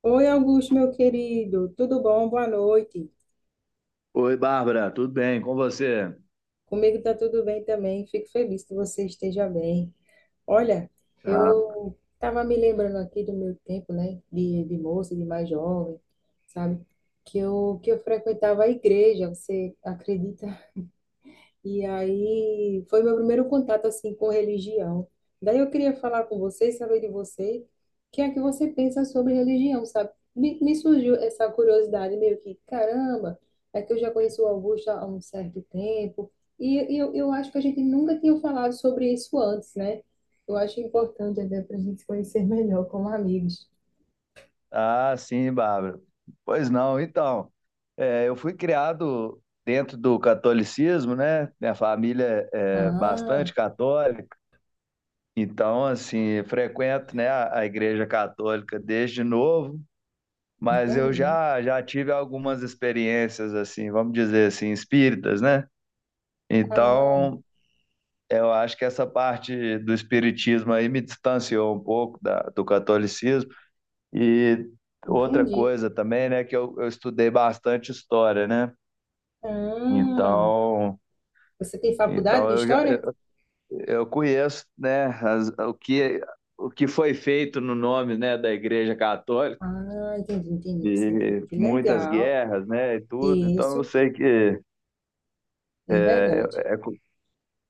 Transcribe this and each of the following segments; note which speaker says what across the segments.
Speaker 1: Oi, Augusto, meu querido, tudo bom? Boa noite.
Speaker 2: Oi, Bárbara, tudo bem? Com você?
Speaker 1: Comigo tá tudo bem também. Fico feliz que você esteja bem. Olha,
Speaker 2: Ah,
Speaker 1: eu tava me lembrando aqui do meu tempo, né, de moça, de mais jovem, sabe? Que eu frequentava a igreja. Você acredita? E aí foi meu primeiro contato assim com religião. Daí eu queria falar com você, saber de você, o que é que você pensa sobre religião, sabe? Me surgiu essa curiosidade meio que, caramba, é que eu já conheço o Augusto há um certo tempo e eu acho que a gente nunca tinha falado sobre isso antes, né? Eu acho importante até para a gente se conhecer melhor como amigos.
Speaker 2: sim, Bárbara. Pois não, então, eu fui criado dentro do catolicismo, né? Minha família é
Speaker 1: Ah,
Speaker 2: bastante católica, então, assim, frequento, né, a igreja católica desde novo, mas eu
Speaker 1: entendi.
Speaker 2: já tive algumas experiências, assim, vamos dizer assim, espíritas, né?
Speaker 1: Ah,
Speaker 2: Então, eu acho que essa parte do espiritismo aí me distanciou um pouco da, do catolicismo, e outra
Speaker 1: entendi.
Speaker 2: coisa também, né, que eu estudei bastante história, né?
Speaker 1: Ah,
Speaker 2: Então,
Speaker 1: você tem faculdade
Speaker 2: então
Speaker 1: de
Speaker 2: eu já
Speaker 1: história?
Speaker 2: eu conheço, né, o que foi feito no nome, né, da Igreja Católica
Speaker 1: Ah, entendi, entendi, entendi.
Speaker 2: e
Speaker 1: Que
Speaker 2: muitas
Speaker 1: legal.
Speaker 2: guerras, né, e tudo. Então eu
Speaker 1: Isso,
Speaker 2: sei que
Speaker 1: é verdade,
Speaker 2: é, é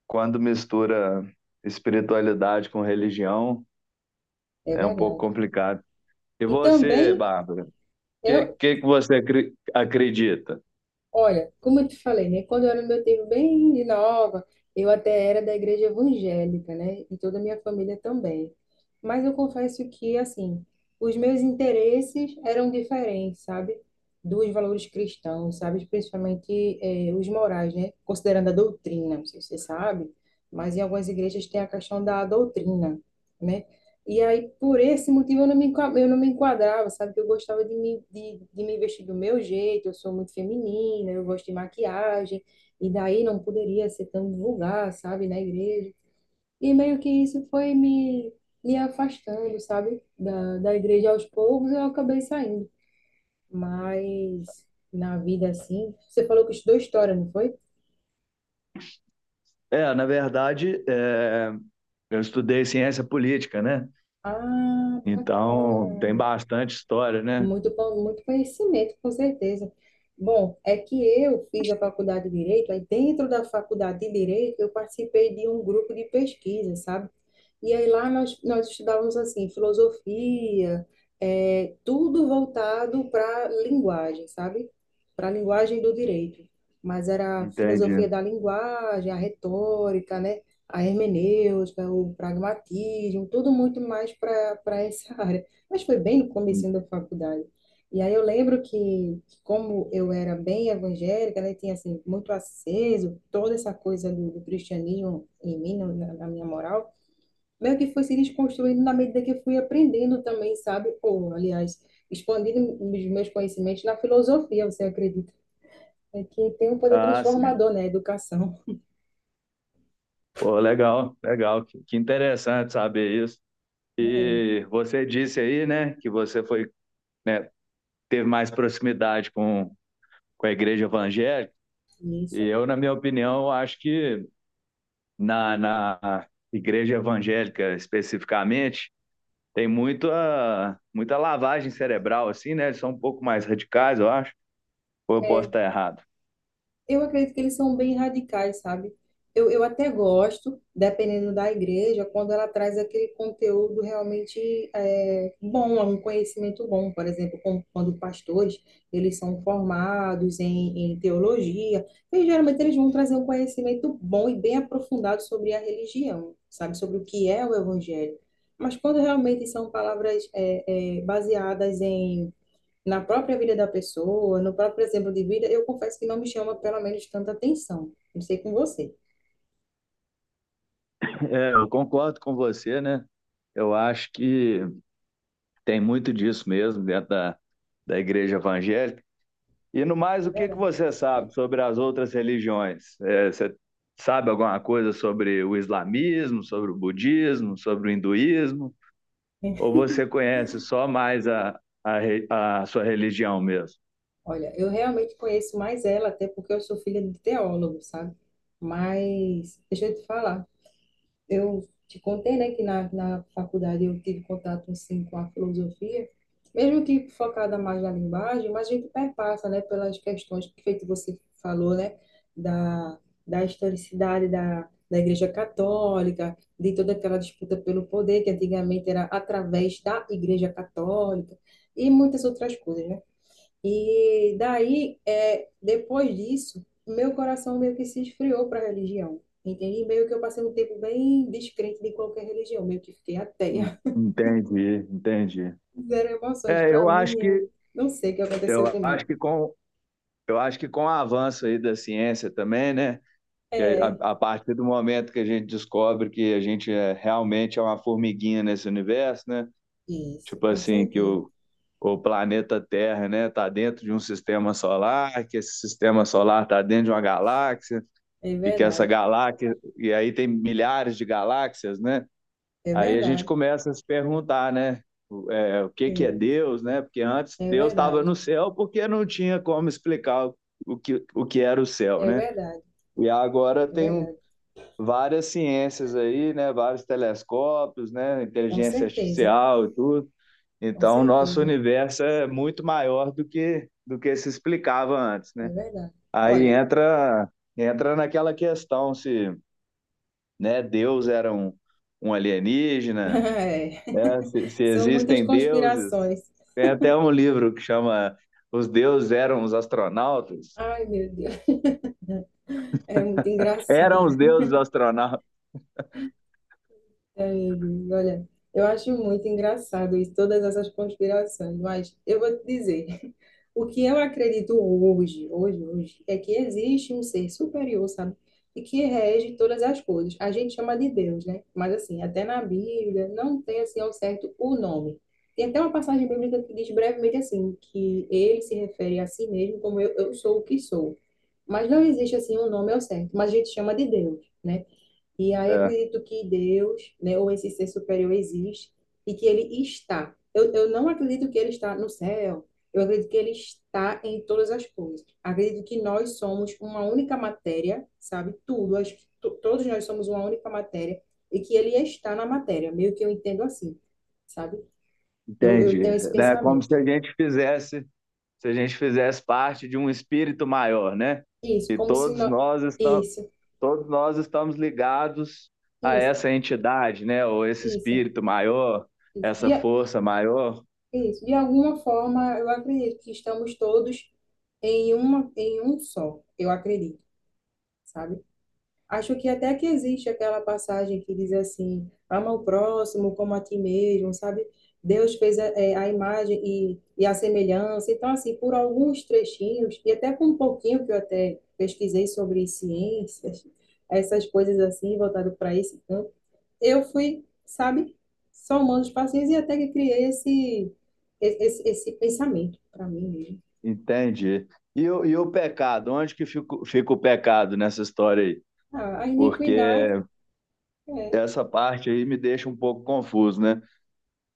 Speaker 2: quando mistura espiritualidade com religião
Speaker 1: é
Speaker 2: é um pouco
Speaker 1: verdade.
Speaker 2: complicado. E
Speaker 1: E
Speaker 2: você,
Speaker 1: também,
Speaker 2: Bárbara, que
Speaker 1: eu,
Speaker 2: que que você acredita?
Speaker 1: olha, como eu te falei, né? Quando eu era no meu tempo bem de nova, eu até era da igreja evangélica, né? E toda a minha família também. Mas eu confesso que, assim, os meus interesses eram diferentes, sabe? Dos valores cristãos, sabe? Principalmente, os morais, né? Considerando a doutrina, não sei se você sabe, mas em algumas igrejas tem a questão da doutrina, né? E aí, por esse motivo, eu não me, eu não me enquadrava, sabe? Que eu gostava de me, de me vestir do meu jeito, eu sou muito feminina, eu gosto de maquiagem, e daí não poderia ser tão vulgar, sabe? Na igreja. E meio que isso foi me, me afastando, sabe? Da igreja aos poucos, eu acabei saindo. Mas na vida, assim, você falou que estudou história, não foi?
Speaker 2: Na verdade, eu estudei ciência política, né?
Speaker 1: Ah,
Speaker 2: Então,
Speaker 1: bacana.
Speaker 2: tem bastante história, né?
Speaker 1: Muito bom, muito conhecimento, com certeza. Bom, é que eu fiz a faculdade de Direito, aí dentro da faculdade de Direito eu participei de um grupo de pesquisa, sabe? E aí lá nós estudávamos assim, filosofia, tudo voltado para linguagem, sabe? Para a linguagem do direito. Mas era a filosofia
Speaker 2: Entendi.
Speaker 1: da linguagem, a retórica, né? A hermenêutica, o pragmatismo, tudo muito mais para essa área. Mas foi bem no começo da faculdade. E aí eu lembro que, como eu era bem evangélica, né, tinha assim, muito aceso toda essa coisa do cristianismo em mim, na minha moral, meio que foi se desconstruindo na medida que eu fui aprendendo também, sabe? Ou, aliás, expandindo os meus conhecimentos na filosofia, você acredita? É que tem um poder
Speaker 2: Ah, sim.
Speaker 1: transformador, né? A educação,
Speaker 2: Pô, legal, legal. Que interessante saber isso.
Speaker 1: né?
Speaker 2: E você disse aí, né, que você foi, né, teve mais proximidade com a igreja evangélica.
Speaker 1: E
Speaker 2: E
Speaker 1: isso
Speaker 2: eu, na minha opinião, eu acho que na, na igreja evangélica especificamente, tem muita, muita lavagem cerebral, assim, né? Eles são um pouco mais radicais, eu acho. Ou eu posso estar errado?
Speaker 1: eu acredito que eles são bem radicais, sabe? Eu até gosto, dependendo da igreja, quando ela traz aquele conteúdo realmente bom, um conhecimento bom. Por exemplo, quando pastores, eles são formados em, em teologia, e geralmente eles vão trazer um conhecimento bom e bem aprofundado sobre a religião, sabe? Sobre o que é o evangelho. Mas quando realmente são palavras baseadas em na própria vida da pessoa, no próprio exemplo de vida, eu confesso que não me chama pelo menos tanta atenção. Não sei com você,
Speaker 2: É, eu concordo com você, né? Eu acho que tem muito disso mesmo dentro da, da igreja evangélica. E no mais,
Speaker 1: é
Speaker 2: o que que
Speaker 1: verdade.
Speaker 2: você sabe sobre as outras religiões? É, você sabe alguma coisa sobre o islamismo, sobre o budismo, sobre o hinduísmo? Ou você conhece só mais a, a sua religião mesmo?
Speaker 1: Olha, eu realmente conheço mais ela, até porque eu sou filha de teólogo, sabe? Mas deixa eu te falar. Eu te contei, né, que na faculdade eu tive contato, assim, com a filosofia, mesmo que focada mais na linguagem, mas a gente perpassa, né, pelas questões que feito você falou, né, da, da historicidade da Igreja Católica, de toda aquela disputa pelo poder, que antigamente era através da Igreja Católica, e muitas outras coisas, né? E daí, depois disso, meu coração meio que se esfriou para a religião, entende? E meio que eu passei um tempo bem descrente de qualquer religião, meio que fiquei
Speaker 2: En-
Speaker 1: ateia.
Speaker 2: Entendi, entendi.
Speaker 1: Zero emoções
Speaker 2: É,
Speaker 1: para mim, eu não sei o que aconteceu
Speaker 2: eu acho
Speaker 1: comigo.
Speaker 2: que com eu acho que com o avanço aí da ciência também, né? Que é
Speaker 1: É,
Speaker 2: a partir do momento que a gente descobre que a gente é, realmente é uma formiguinha nesse universo, né?
Speaker 1: isso,
Speaker 2: Tipo
Speaker 1: com
Speaker 2: assim, que
Speaker 1: certeza.
Speaker 2: o planeta Terra, né, está dentro de um sistema solar, que esse sistema solar está dentro de uma galáxia
Speaker 1: É
Speaker 2: e que essa
Speaker 1: verdade,
Speaker 2: galáxia e aí tem milhares de galáxias, né?
Speaker 1: é
Speaker 2: Aí a gente
Speaker 1: verdade,
Speaker 2: começa a se perguntar, né? É, o que que é
Speaker 1: é,
Speaker 2: Deus, né? Porque antes
Speaker 1: é
Speaker 2: Deus estava
Speaker 1: verdade,
Speaker 2: no céu porque não tinha como explicar o que era o céu,
Speaker 1: é
Speaker 2: né?
Speaker 1: verdade,
Speaker 2: E agora
Speaker 1: é
Speaker 2: tem um,
Speaker 1: verdade.
Speaker 2: várias ciências aí, né? Vários telescópios, né?
Speaker 1: Com
Speaker 2: Inteligência
Speaker 1: certeza,
Speaker 2: artificial e tudo.
Speaker 1: com
Speaker 2: Então, o nosso
Speaker 1: certeza,
Speaker 2: universo é muito maior do que se explicava antes, né?
Speaker 1: é verdade.
Speaker 2: Aí
Speaker 1: Olha,
Speaker 2: entra entra naquela questão se, né, Deus era um, um alienígena,
Speaker 1: é,
Speaker 2: né? Se
Speaker 1: são muitas
Speaker 2: existem deuses.
Speaker 1: conspirações.
Speaker 2: Tem até um livro que chama Os Deuses Eram os Astronautas.
Speaker 1: Ai, meu Deus, é muito engraçado.
Speaker 2: Eram os Deuses Astronautas.
Speaker 1: É, amigo, olha, eu acho muito engraçado isso, todas essas conspirações, mas eu vou te dizer, o que eu acredito hoje, hoje, hoje, é que existe um ser superior, sabe? E que rege todas as coisas. A gente chama de Deus, né? Mas assim, até na Bíblia não tem assim ao certo o nome. Tem até uma passagem bíblica que diz brevemente assim, que ele se refere a si mesmo como eu sou o que sou. Mas não existe assim um nome ao certo, mas a gente chama de Deus, né? E aí
Speaker 2: É.
Speaker 1: acredito que Deus, né, ou esse ser superior existe e que ele está. Eu não acredito que ele está no céu. Eu acredito que ele está em todas as coisas. Acredito que nós somos uma única matéria, sabe? Tudo, acho que todos nós somos uma única matéria e que ele está na matéria, meio que eu entendo assim, sabe? Eu
Speaker 2: Entende?
Speaker 1: tenho esse
Speaker 2: É como se
Speaker 1: pensamento.
Speaker 2: se a gente fizesse parte de um espírito maior, né?
Speaker 1: Isso,
Speaker 2: E
Speaker 1: como se não... Isso,
Speaker 2: todos nós estamos ligados a
Speaker 1: isso,
Speaker 2: essa entidade, né? Ou esse
Speaker 1: isso,
Speaker 2: espírito maior,
Speaker 1: isso.
Speaker 2: essa
Speaker 1: E,
Speaker 2: força maior,
Speaker 1: isso. De alguma forma, eu acredito que estamos todos em uma, em um só. Eu acredito, sabe? Acho que até que existe aquela passagem que diz assim: ama o próximo como a ti mesmo, sabe? Deus fez a, a imagem e a semelhança. Então, assim, por alguns trechinhos, e até com um pouquinho que eu até pesquisei sobre ciências, essas coisas assim, voltado para esse campo eu fui, sabe, somando os pacientes e até que criei esse pensamento para mim mesmo.
Speaker 2: entende? E o pecado, onde que fica, fica o pecado nessa história aí?
Speaker 1: Ah, a iniquidade,
Speaker 2: Porque
Speaker 1: é,
Speaker 2: essa parte aí me deixa um pouco confuso, né?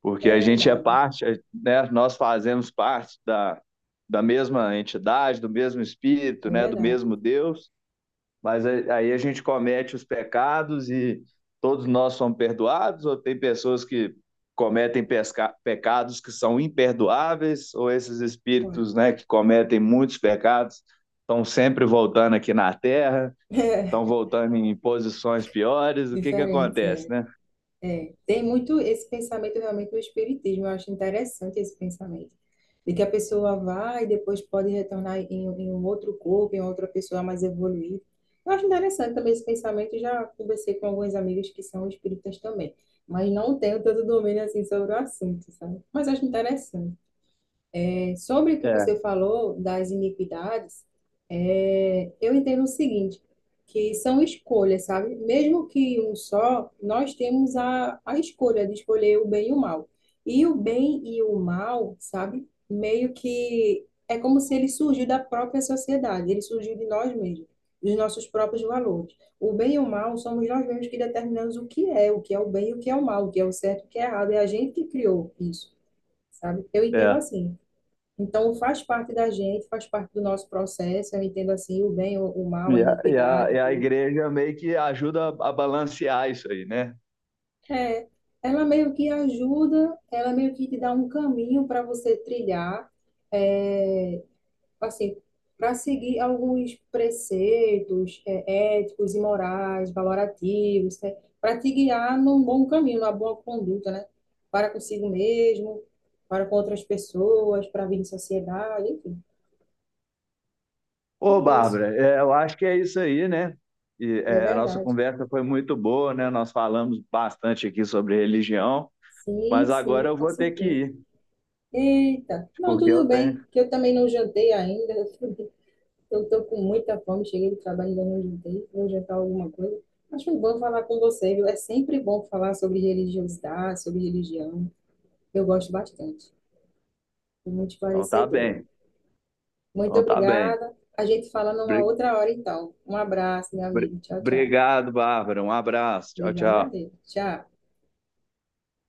Speaker 2: Porque
Speaker 1: é
Speaker 2: a gente é
Speaker 1: verdade,
Speaker 2: parte, né? Nós fazemos parte da, da mesma entidade, do mesmo espírito,
Speaker 1: é
Speaker 2: né? Do
Speaker 1: verdade.
Speaker 2: mesmo Deus, mas aí a gente comete os pecados e todos nós somos perdoados, ou tem pessoas que cometem pecados que são imperdoáveis, ou esses
Speaker 1: Olha,
Speaker 2: espíritos, né? Que cometem muitos pecados estão sempre voltando aqui na Terra, estão
Speaker 1: é
Speaker 2: voltando em posições piores. O que que
Speaker 1: diferente
Speaker 2: acontece,
Speaker 1: é.
Speaker 2: né?
Speaker 1: Tem muito esse pensamento realmente do espiritismo, eu acho interessante esse pensamento, de que a pessoa vai e depois pode retornar em, em um outro corpo, em outra pessoa mais evoluída. Eu acho interessante também esse pensamento, já conversei com alguns amigos que são espíritas também, mas não tenho tanto domínio assim sobre o assunto, sabe? Mas acho interessante. É, sobre o que
Speaker 2: É,
Speaker 1: você falou das iniquidades, é, eu entendo o seguinte, que são escolhas, sabe? Mesmo que um só, nós temos a escolha de escolher o bem e o mal. E o bem e o mal, sabe? Meio que é como se ele surgiu da própria sociedade, ele surgiu de nós mesmos, dos nossos próprios valores. O bem e o mal somos nós mesmos que determinamos o que é, o que é o bem e o que é o mal, o que é o certo e o que é errado. É a gente que criou isso, sabe? Eu entendo
Speaker 2: é.
Speaker 1: assim. Então, faz parte da gente, faz parte do nosso processo, eu entendo assim, o bem, o mal, a
Speaker 2: E a,
Speaker 1: iniquidade,
Speaker 2: e a
Speaker 1: tudo.
Speaker 2: igreja meio que ajuda a balancear isso aí, né?
Speaker 1: É, ela meio que ajuda, ela meio que te dá um caminho para você trilhar, é, assim, para seguir alguns preceitos, éticos e morais, valorativos, né? Para te guiar num bom caminho, numa boa conduta, né? Para consigo mesmo, para com outras pessoas, para vir em sociedade, enfim,
Speaker 2: Ô,
Speaker 1: é isso,
Speaker 2: Bárbara, é, eu acho que é isso aí, né? E,
Speaker 1: é
Speaker 2: é, a nossa
Speaker 1: verdade.
Speaker 2: conversa foi muito boa, né? Nós falamos bastante aqui sobre religião,
Speaker 1: Sim,
Speaker 2: mas agora
Speaker 1: sim,
Speaker 2: eu
Speaker 1: com
Speaker 2: vou ter que
Speaker 1: certeza.
Speaker 2: ir,
Speaker 1: Eita, não,
Speaker 2: porque
Speaker 1: tudo
Speaker 2: eu tenho.
Speaker 1: bem, que eu também não jantei ainda. Eu estou com muita fome, cheguei do trabalho e ainda não jantei. Vou jantar alguma coisa. Mas foi bom falar com você, viu? É sempre bom falar sobre religiosidade, sobre religião. Eu gosto bastante. Fui muito
Speaker 2: Então tá
Speaker 1: esclarecedora.
Speaker 2: bem,
Speaker 1: Muito
Speaker 2: então tá bem.
Speaker 1: obrigada. A gente fala numa
Speaker 2: Bri-
Speaker 1: outra hora, então. Um abraço, meu amigo. Tchau, tchau.
Speaker 2: Obrigado, Bárbara. Um abraço. Tchau,
Speaker 1: Obrigada a
Speaker 2: tchau.
Speaker 1: Deus. Tchau.